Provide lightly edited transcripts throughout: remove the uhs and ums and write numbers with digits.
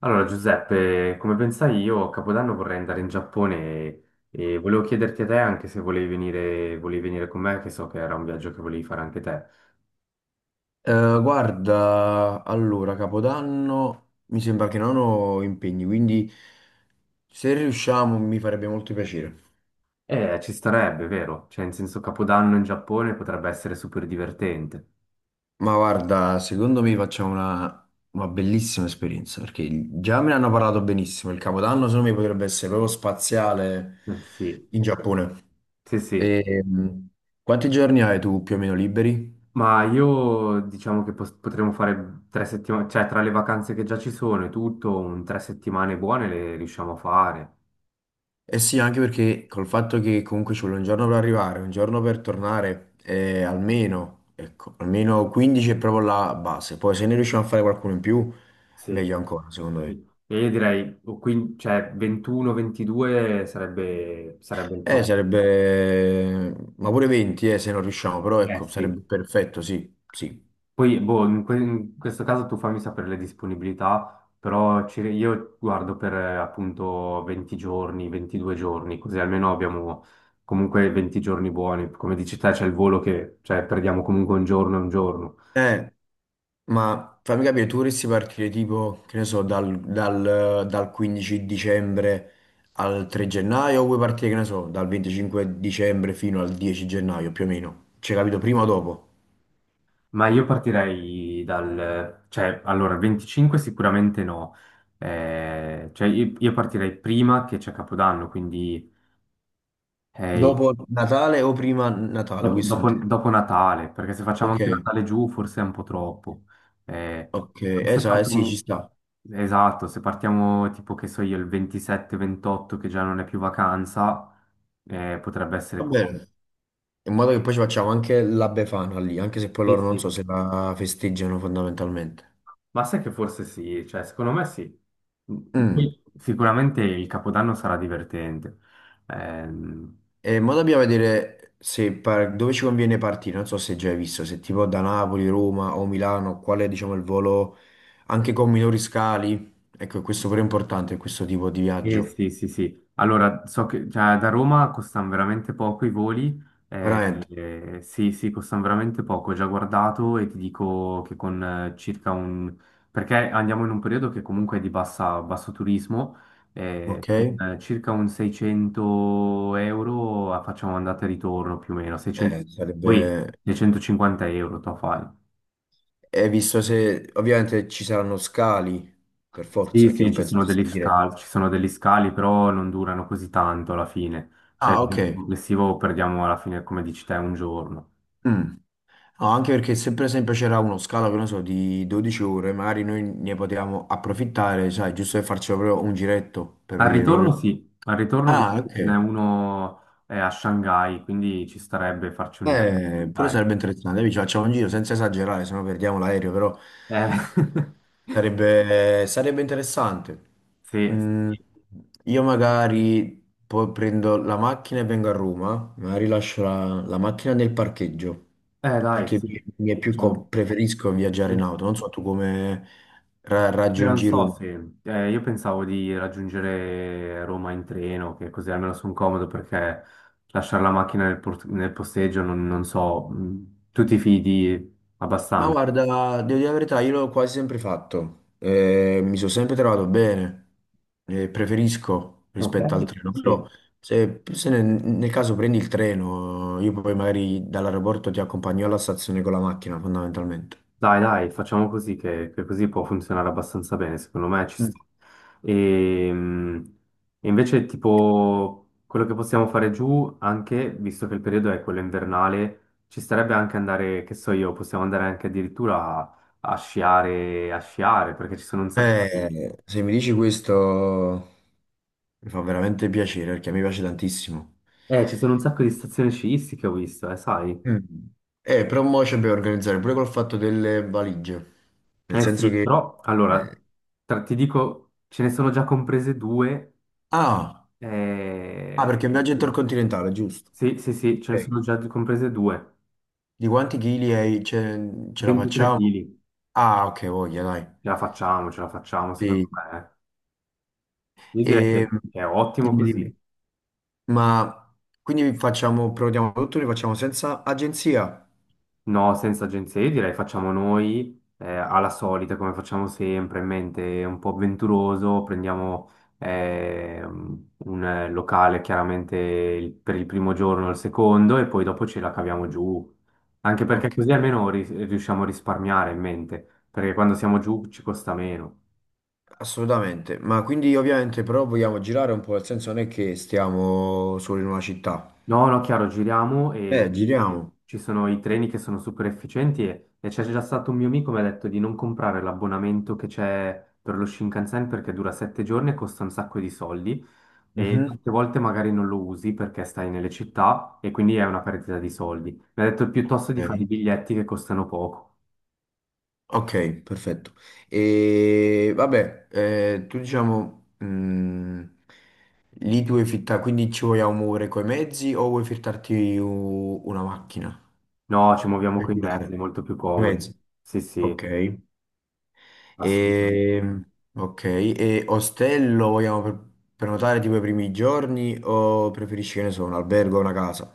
Allora, Giuseppe, come pensai io, a Capodanno vorrei andare in Giappone e volevo chiederti a te anche se volevi venire con me, che so che era un viaggio che volevi fare anche te. Guarda, allora, Capodanno mi sembra che non ho impegni, quindi se riusciamo mi farebbe molto piacere. Ci starebbe, vero? Cioè, in senso, Capodanno in Giappone potrebbe essere super divertente. Ma guarda, secondo me facciamo una bellissima esperienza, perché già me ne hanno parlato benissimo. Il Capodanno secondo me potrebbe essere proprio spaziale Eh sì, in Giappone. sì, sì. E, quanti giorni hai tu più o meno liberi? Ma io diciamo che potremmo fare 3 settimane, cioè tra le vacanze che già ci sono e tutto, un 3 settimane buone le riusciamo a fare. Eh sì, anche perché col fatto che comunque ci vuole un giorno per arrivare, un giorno per tornare, almeno, ecco, almeno 15 è proprio la base. Poi se ne riusciamo a fare qualcuno in più, Sì, meglio ancora, secondo me. sì. E io direi o cioè, 21-22 sarebbe il top. sarebbe, ma pure 20, se non riusciamo, però Eh ecco, sì. sarebbe perfetto, sì, sì. Poi, boh, in questo caso tu fammi sapere le disponibilità, però io guardo per appunto 20 giorni, 22 giorni, così almeno abbiamo comunque 20 giorni buoni. Come dici te, c'è il volo che, cioè, perdiamo comunque un giorno e un giorno. Eh, ma fammi capire, tu vorresti partire tipo, che ne so, dal 15 dicembre al 3 gennaio, o vuoi partire, che ne so, dal 25 dicembre fino al 10 gennaio più o meno? Cioè, capito, prima o dopo? Ma io partirei dal, cioè, allora, 25 sicuramente no. Cioè, io partirei prima che c'è Capodanno, quindi eh, Dopo Natale o prima Natale, dopo, questo dopo- intendo. dopo Natale, perché se facciamo Ok, anche Natale giù forse è un po' troppo. Eh, ok, però se esatto, sì, ci partiamo- sta. Esatto, se partiamo tipo che so io il 27-28 che già non è più vacanza, potrebbe essere Va comodo. bene. In modo che poi ci facciamo anche la Befana lì, anche se poi Eh loro non so sì. se la festeggiano fondamentalmente. Ma sai che forse sì, cioè secondo me sì. Mm. Poi sicuramente il Capodanno sarà divertente. Ehm, E mo dobbiamo vedere se dove ci conviene partire. Non so se già hai visto, se tipo da Napoli, Roma o Milano, qual è diciamo il volo anche con minori scali. Ecco, questo pure è importante, questo tipo di eh viaggio. sì, sì, sì. Allora, so che cioè, da Roma costano veramente poco i voli. Veramente, Sì, sì, costano veramente poco. Ho già guardato e ti dico che con circa un. Perché andiamo in un periodo che comunque è di basso turismo, ok? Con circa un 600 euro facciamo andata e ritorno più o meno, 600. Poi Sarebbe... 650 euro tu fai. E visto se ovviamente ci saranno scali, per Sì, forza, che sì, non penso ci sia diretto. Ci sono degli scali, però non durano così tanto alla fine. Cioè, Ah, ok. il complessivo perdiamo alla fine, come dici te, un giorno. Mm. No, anche perché se per esempio c'era uno scalo, che non so, di 12 ore, magari noi ne potevamo approfittare, sai, giusto per farci proprio un giretto per Al vedere ritorno proprio. sì, al ritorno ho Ah, visto che ce n'è ok. uno a Shanghai, quindi ci starebbe farci un giro. Pure Dai. sarebbe interessante. Dai, ci facciamo un giro senza esagerare, se no perdiamo l'aereo, però Eh, sarebbe interessante. sì, Mm, sì. io magari poi prendo la macchina e vengo a Roma, magari lascio la macchina nel parcheggio, Dai, perché sì. mi è più Ciao. Preferisco viaggiare in Mhm. auto. Non so tu come Io non raggiungi so Roma. se io pensavo di raggiungere Roma in treno, che così almeno sono comodo perché lasciare la macchina nel posteggio non so, tu ti fidi Ma abbastanza. guarda, devo dire la verità, io l'ho quasi sempre fatto, eh, mi sono sempre trovato bene, eh, preferisco Ok. rispetto al treno, Sì. però se, nel caso prendi il treno, io poi magari dall'aeroporto ti accompagno alla stazione con la macchina, fondamentalmente. Dai, dai, facciamo così che così può funzionare abbastanza bene, secondo me ci Mm. sta. E, mm, e invece tipo quello che possiamo fare giù, anche visto che il periodo è quello invernale, ci starebbe anche andare, che so io, possiamo andare anche addirittura a sciare, perché Se mi dici questo mi fa veramente piacere perché mi piace tantissimo. Ci sono un sacco di stazioni sciistiche, ho visto, sai? Mm. Però mo ci dobbiamo organizzare pure col fatto delle valigie, nel Eh senso sì, che... però allora, eh, ti dico, ce ne sono già comprese due. Ah! Ah, Eh, perché è un viaggio no, intercontinentale, giusto. sì, sì, sì, ce ne Ok. sono già comprese due. Di quanti chili ce, ce la 23 facciamo? kg. Ah, ok, voglia, dai. Ce la facciamo, secondo Sì. me. Io direi E, che è ottimo dimmi, così. dimmi. Ma quindi facciamo, prenotiamo tutto, li facciamo senza agenzia? No, senza agenzie, io direi facciamo noi alla solita, come facciamo sempre, in mente un po' avventuroso, prendiamo un locale chiaramente per il primo giorno o il secondo e poi dopo ce la caviamo giù. Anche perché Ok, così almeno riusciamo a risparmiare in mente, perché quando siamo giù ci costa meno. assolutamente. Ma quindi ovviamente però vogliamo girare un po', nel senso non è che stiamo solo in una città. No, no, chiaro, giriamo e lì Giriamo. ci sono i treni che sono super efficienti e c'è già stato un mio amico che mi ha detto di non comprare l'abbonamento che c'è per lo Shinkansen perché dura 7 giorni e costa un sacco di soldi e Mhm. tante volte magari non lo usi perché stai nelle città e quindi è una perdita di soldi. Mi ha detto piuttosto Ok. di fare i biglietti che costano poco. Ok, perfetto. E vabbè, tu diciamo, lì tu vuoi fittare, quindi ci vogliamo muovere coi mezzi o vuoi fittarti una macchina? No, ci muoviamo Per con i girare. mezzi, è molto più I comodo. mezzi. Sì, Ok. sì, assolutamente. E, ok, e ostello vogliamo prenotare tipo i primi giorni o preferisci, che ne so, un albergo o una casa?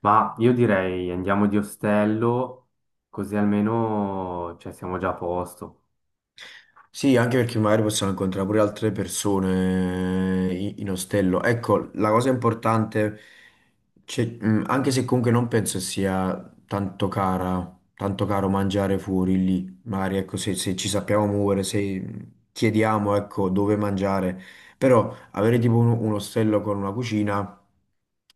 Ma io direi andiamo di ostello, così almeno cioè, siamo già a posto. Sì, anche perché magari possiamo incontrare pure altre persone in ostello. Ecco, la cosa importante, anche se comunque non penso sia tanto cara, tanto caro mangiare fuori lì, magari ecco, se, se ci sappiamo muovere, se chiediamo ecco, dove mangiare, però avere tipo un ostello con una cucina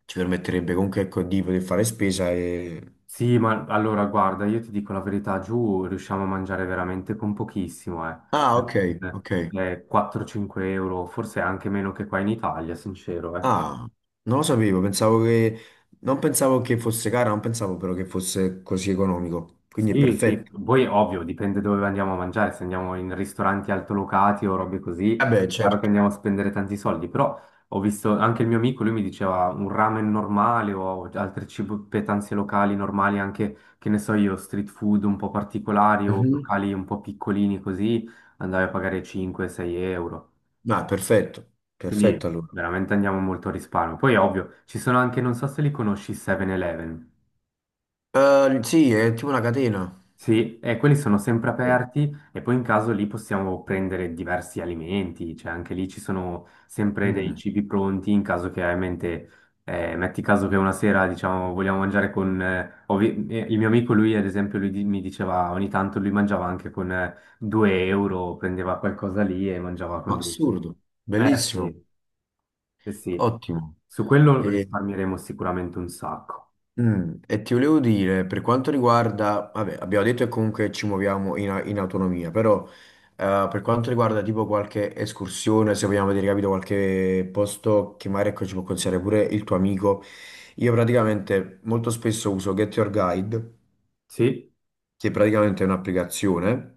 ci permetterebbe comunque ecco, di poter fare spesa e... Sì, ma allora guarda, io ti dico la verità, giù riusciamo a mangiare veramente con pochissimo, eh. Ah, ok, Eh, ok. 4-5 euro, forse anche meno che qua in Italia, sincero, eh. Ah, non lo sapevo, pensavo che... Non pensavo che fosse cara, non pensavo però che fosse così economico. Quindi è Sì, sì, perfetto. poi ovvio, dipende dove andiamo a mangiare, se andiamo in ristoranti altolocati o robe così, Vabbè, è chiaro che certo. andiamo a spendere tanti soldi, però ho visto anche il mio amico, lui mi diceva un ramen normale o altre petanze locali normali, anche che ne so io, street food un po' particolari o Mhm. locali un po' piccolini così, andavi a pagare 5-6 euro, Ah, perfetto. Perfetto quindi allora. veramente andiamo molto a risparmio. Poi ovvio, ci sono anche, non so se li conosci, 7-Eleven. Sì, è tipo una catena. Sì, e quelli sono sempre Ok. aperti e poi in caso lì possiamo prendere diversi alimenti, cioè anche lì ci sono sempre dei Mm. cibi pronti in caso che hai in mente, metti caso che una sera diciamo vogliamo mangiare con, il mio amico lui ad esempio mi diceva ogni tanto lui mangiava anche con 2 euro, prendeva qualcosa lì e mangiava con 2 euro. Assurdo. Eh Bellissimo. sì, sì, sì, Ottimo. su quello risparmieremo sicuramente un sacco. Mm, e ti volevo dire, per quanto riguarda, vabbè, abbiamo detto che comunque ci muoviamo in autonomia, però per quanto riguarda tipo qualche escursione, se vogliamo vedere, capito, qualche posto che magari ecco, ci può consigliare pure il tuo amico, io praticamente molto spesso uso Get Your Guide, Sì. che praticamente è un'applicazione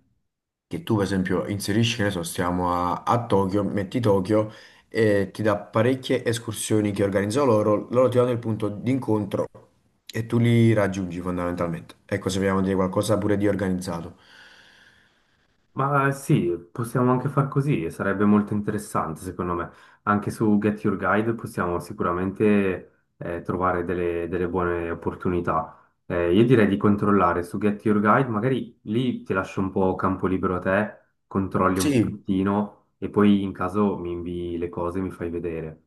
che tu, per esempio, inserisci, che ne so, stiamo a Tokyo, metti Tokyo e ti dà parecchie escursioni che organizzano loro, loro ti danno il punto d'incontro e tu li raggiungi fondamentalmente. Ecco, se vogliamo dire qualcosa pure di organizzato. Ma sì, possiamo anche far così, e sarebbe molto interessante secondo me. Anche su Get Your Guide possiamo sicuramente trovare delle buone opportunità. Io direi di controllare su Get Your Guide, magari lì ti lascio un po' campo libero a te, controlli un Sì, pochettino e poi in caso mi invii le cose e mi fai vedere.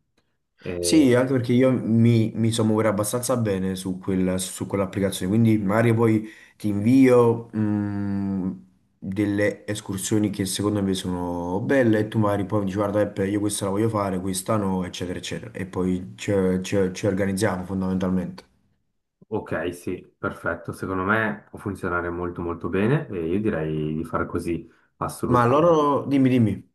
Eh, sì, anche perché io mi so muovere abbastanza bene su su quell'applicazione, quindi magari poi ti invio delle escursioni che secondo me sono belle e tu magari poi mi dici guarda Peppe, io questa la voglio fare, questa no, eccetera, eccetera. E poi ci, ci organizziamo fondamentalmente. ok, sì, perfetto, secondo me può funzionare molto molto bene e io direi di fare così, Ma assolutamente. loro, dimmi, dimmi.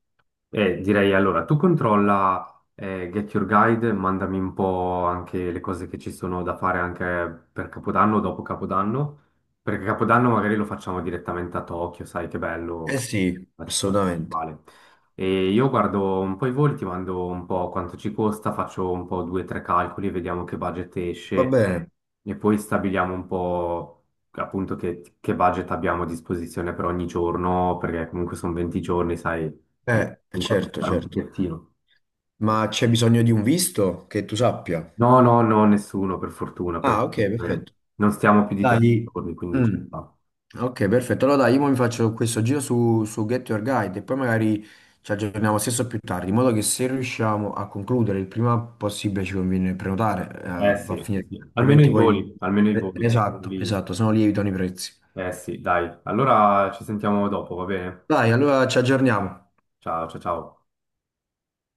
Direi allora, tu controlla Get Your Guide, mandami un po' anche le cose che ci sono da fare anche per Capodanno, dopo Capodanno, perché Capodanno magari lo facciamo direttamente a Tokyo, sai che Eh bello, sì, la città assolutamente. principale. E io guardo un po' i voli, ti mando un po' quanto ci costa, faccio un po' due o tre calcoli, vediamo che budget Va esce bene. e poi stabiliamo un po' appunto che budget abbiamo a disposizione per ogni giorno, perché comunque sono 20 giorni, sai mi mi vado a Certo, fare un certo. bigliettino. Ma c'è bisogno di un visto che tu sappia. No, no, no, nessuno, per fortuna, Ah, perché ok, eh, perfetto. non stiamo più di tre Dai. giorni, quindi ci Mm. sta. Ok, perfetto. Allora dai, io mo mi faccio questo giro su, su Get Your Guide e poi magari ci aggiorniamo stesso più tardi, in modo che se riusciamo a concludere il prima possibile ci conviene prenotare, Eh va a sì, sì, finire, sì. Almeno altrimenti i poi... voli, almeno i voli. Esatto, Quelli- esatto, se no lievitano i prezzi. Eh sì, dai. Allora ci sentiamo dopo, va bene? Dai, allora ci aggiorniamo. Ciao, ciao, ciao.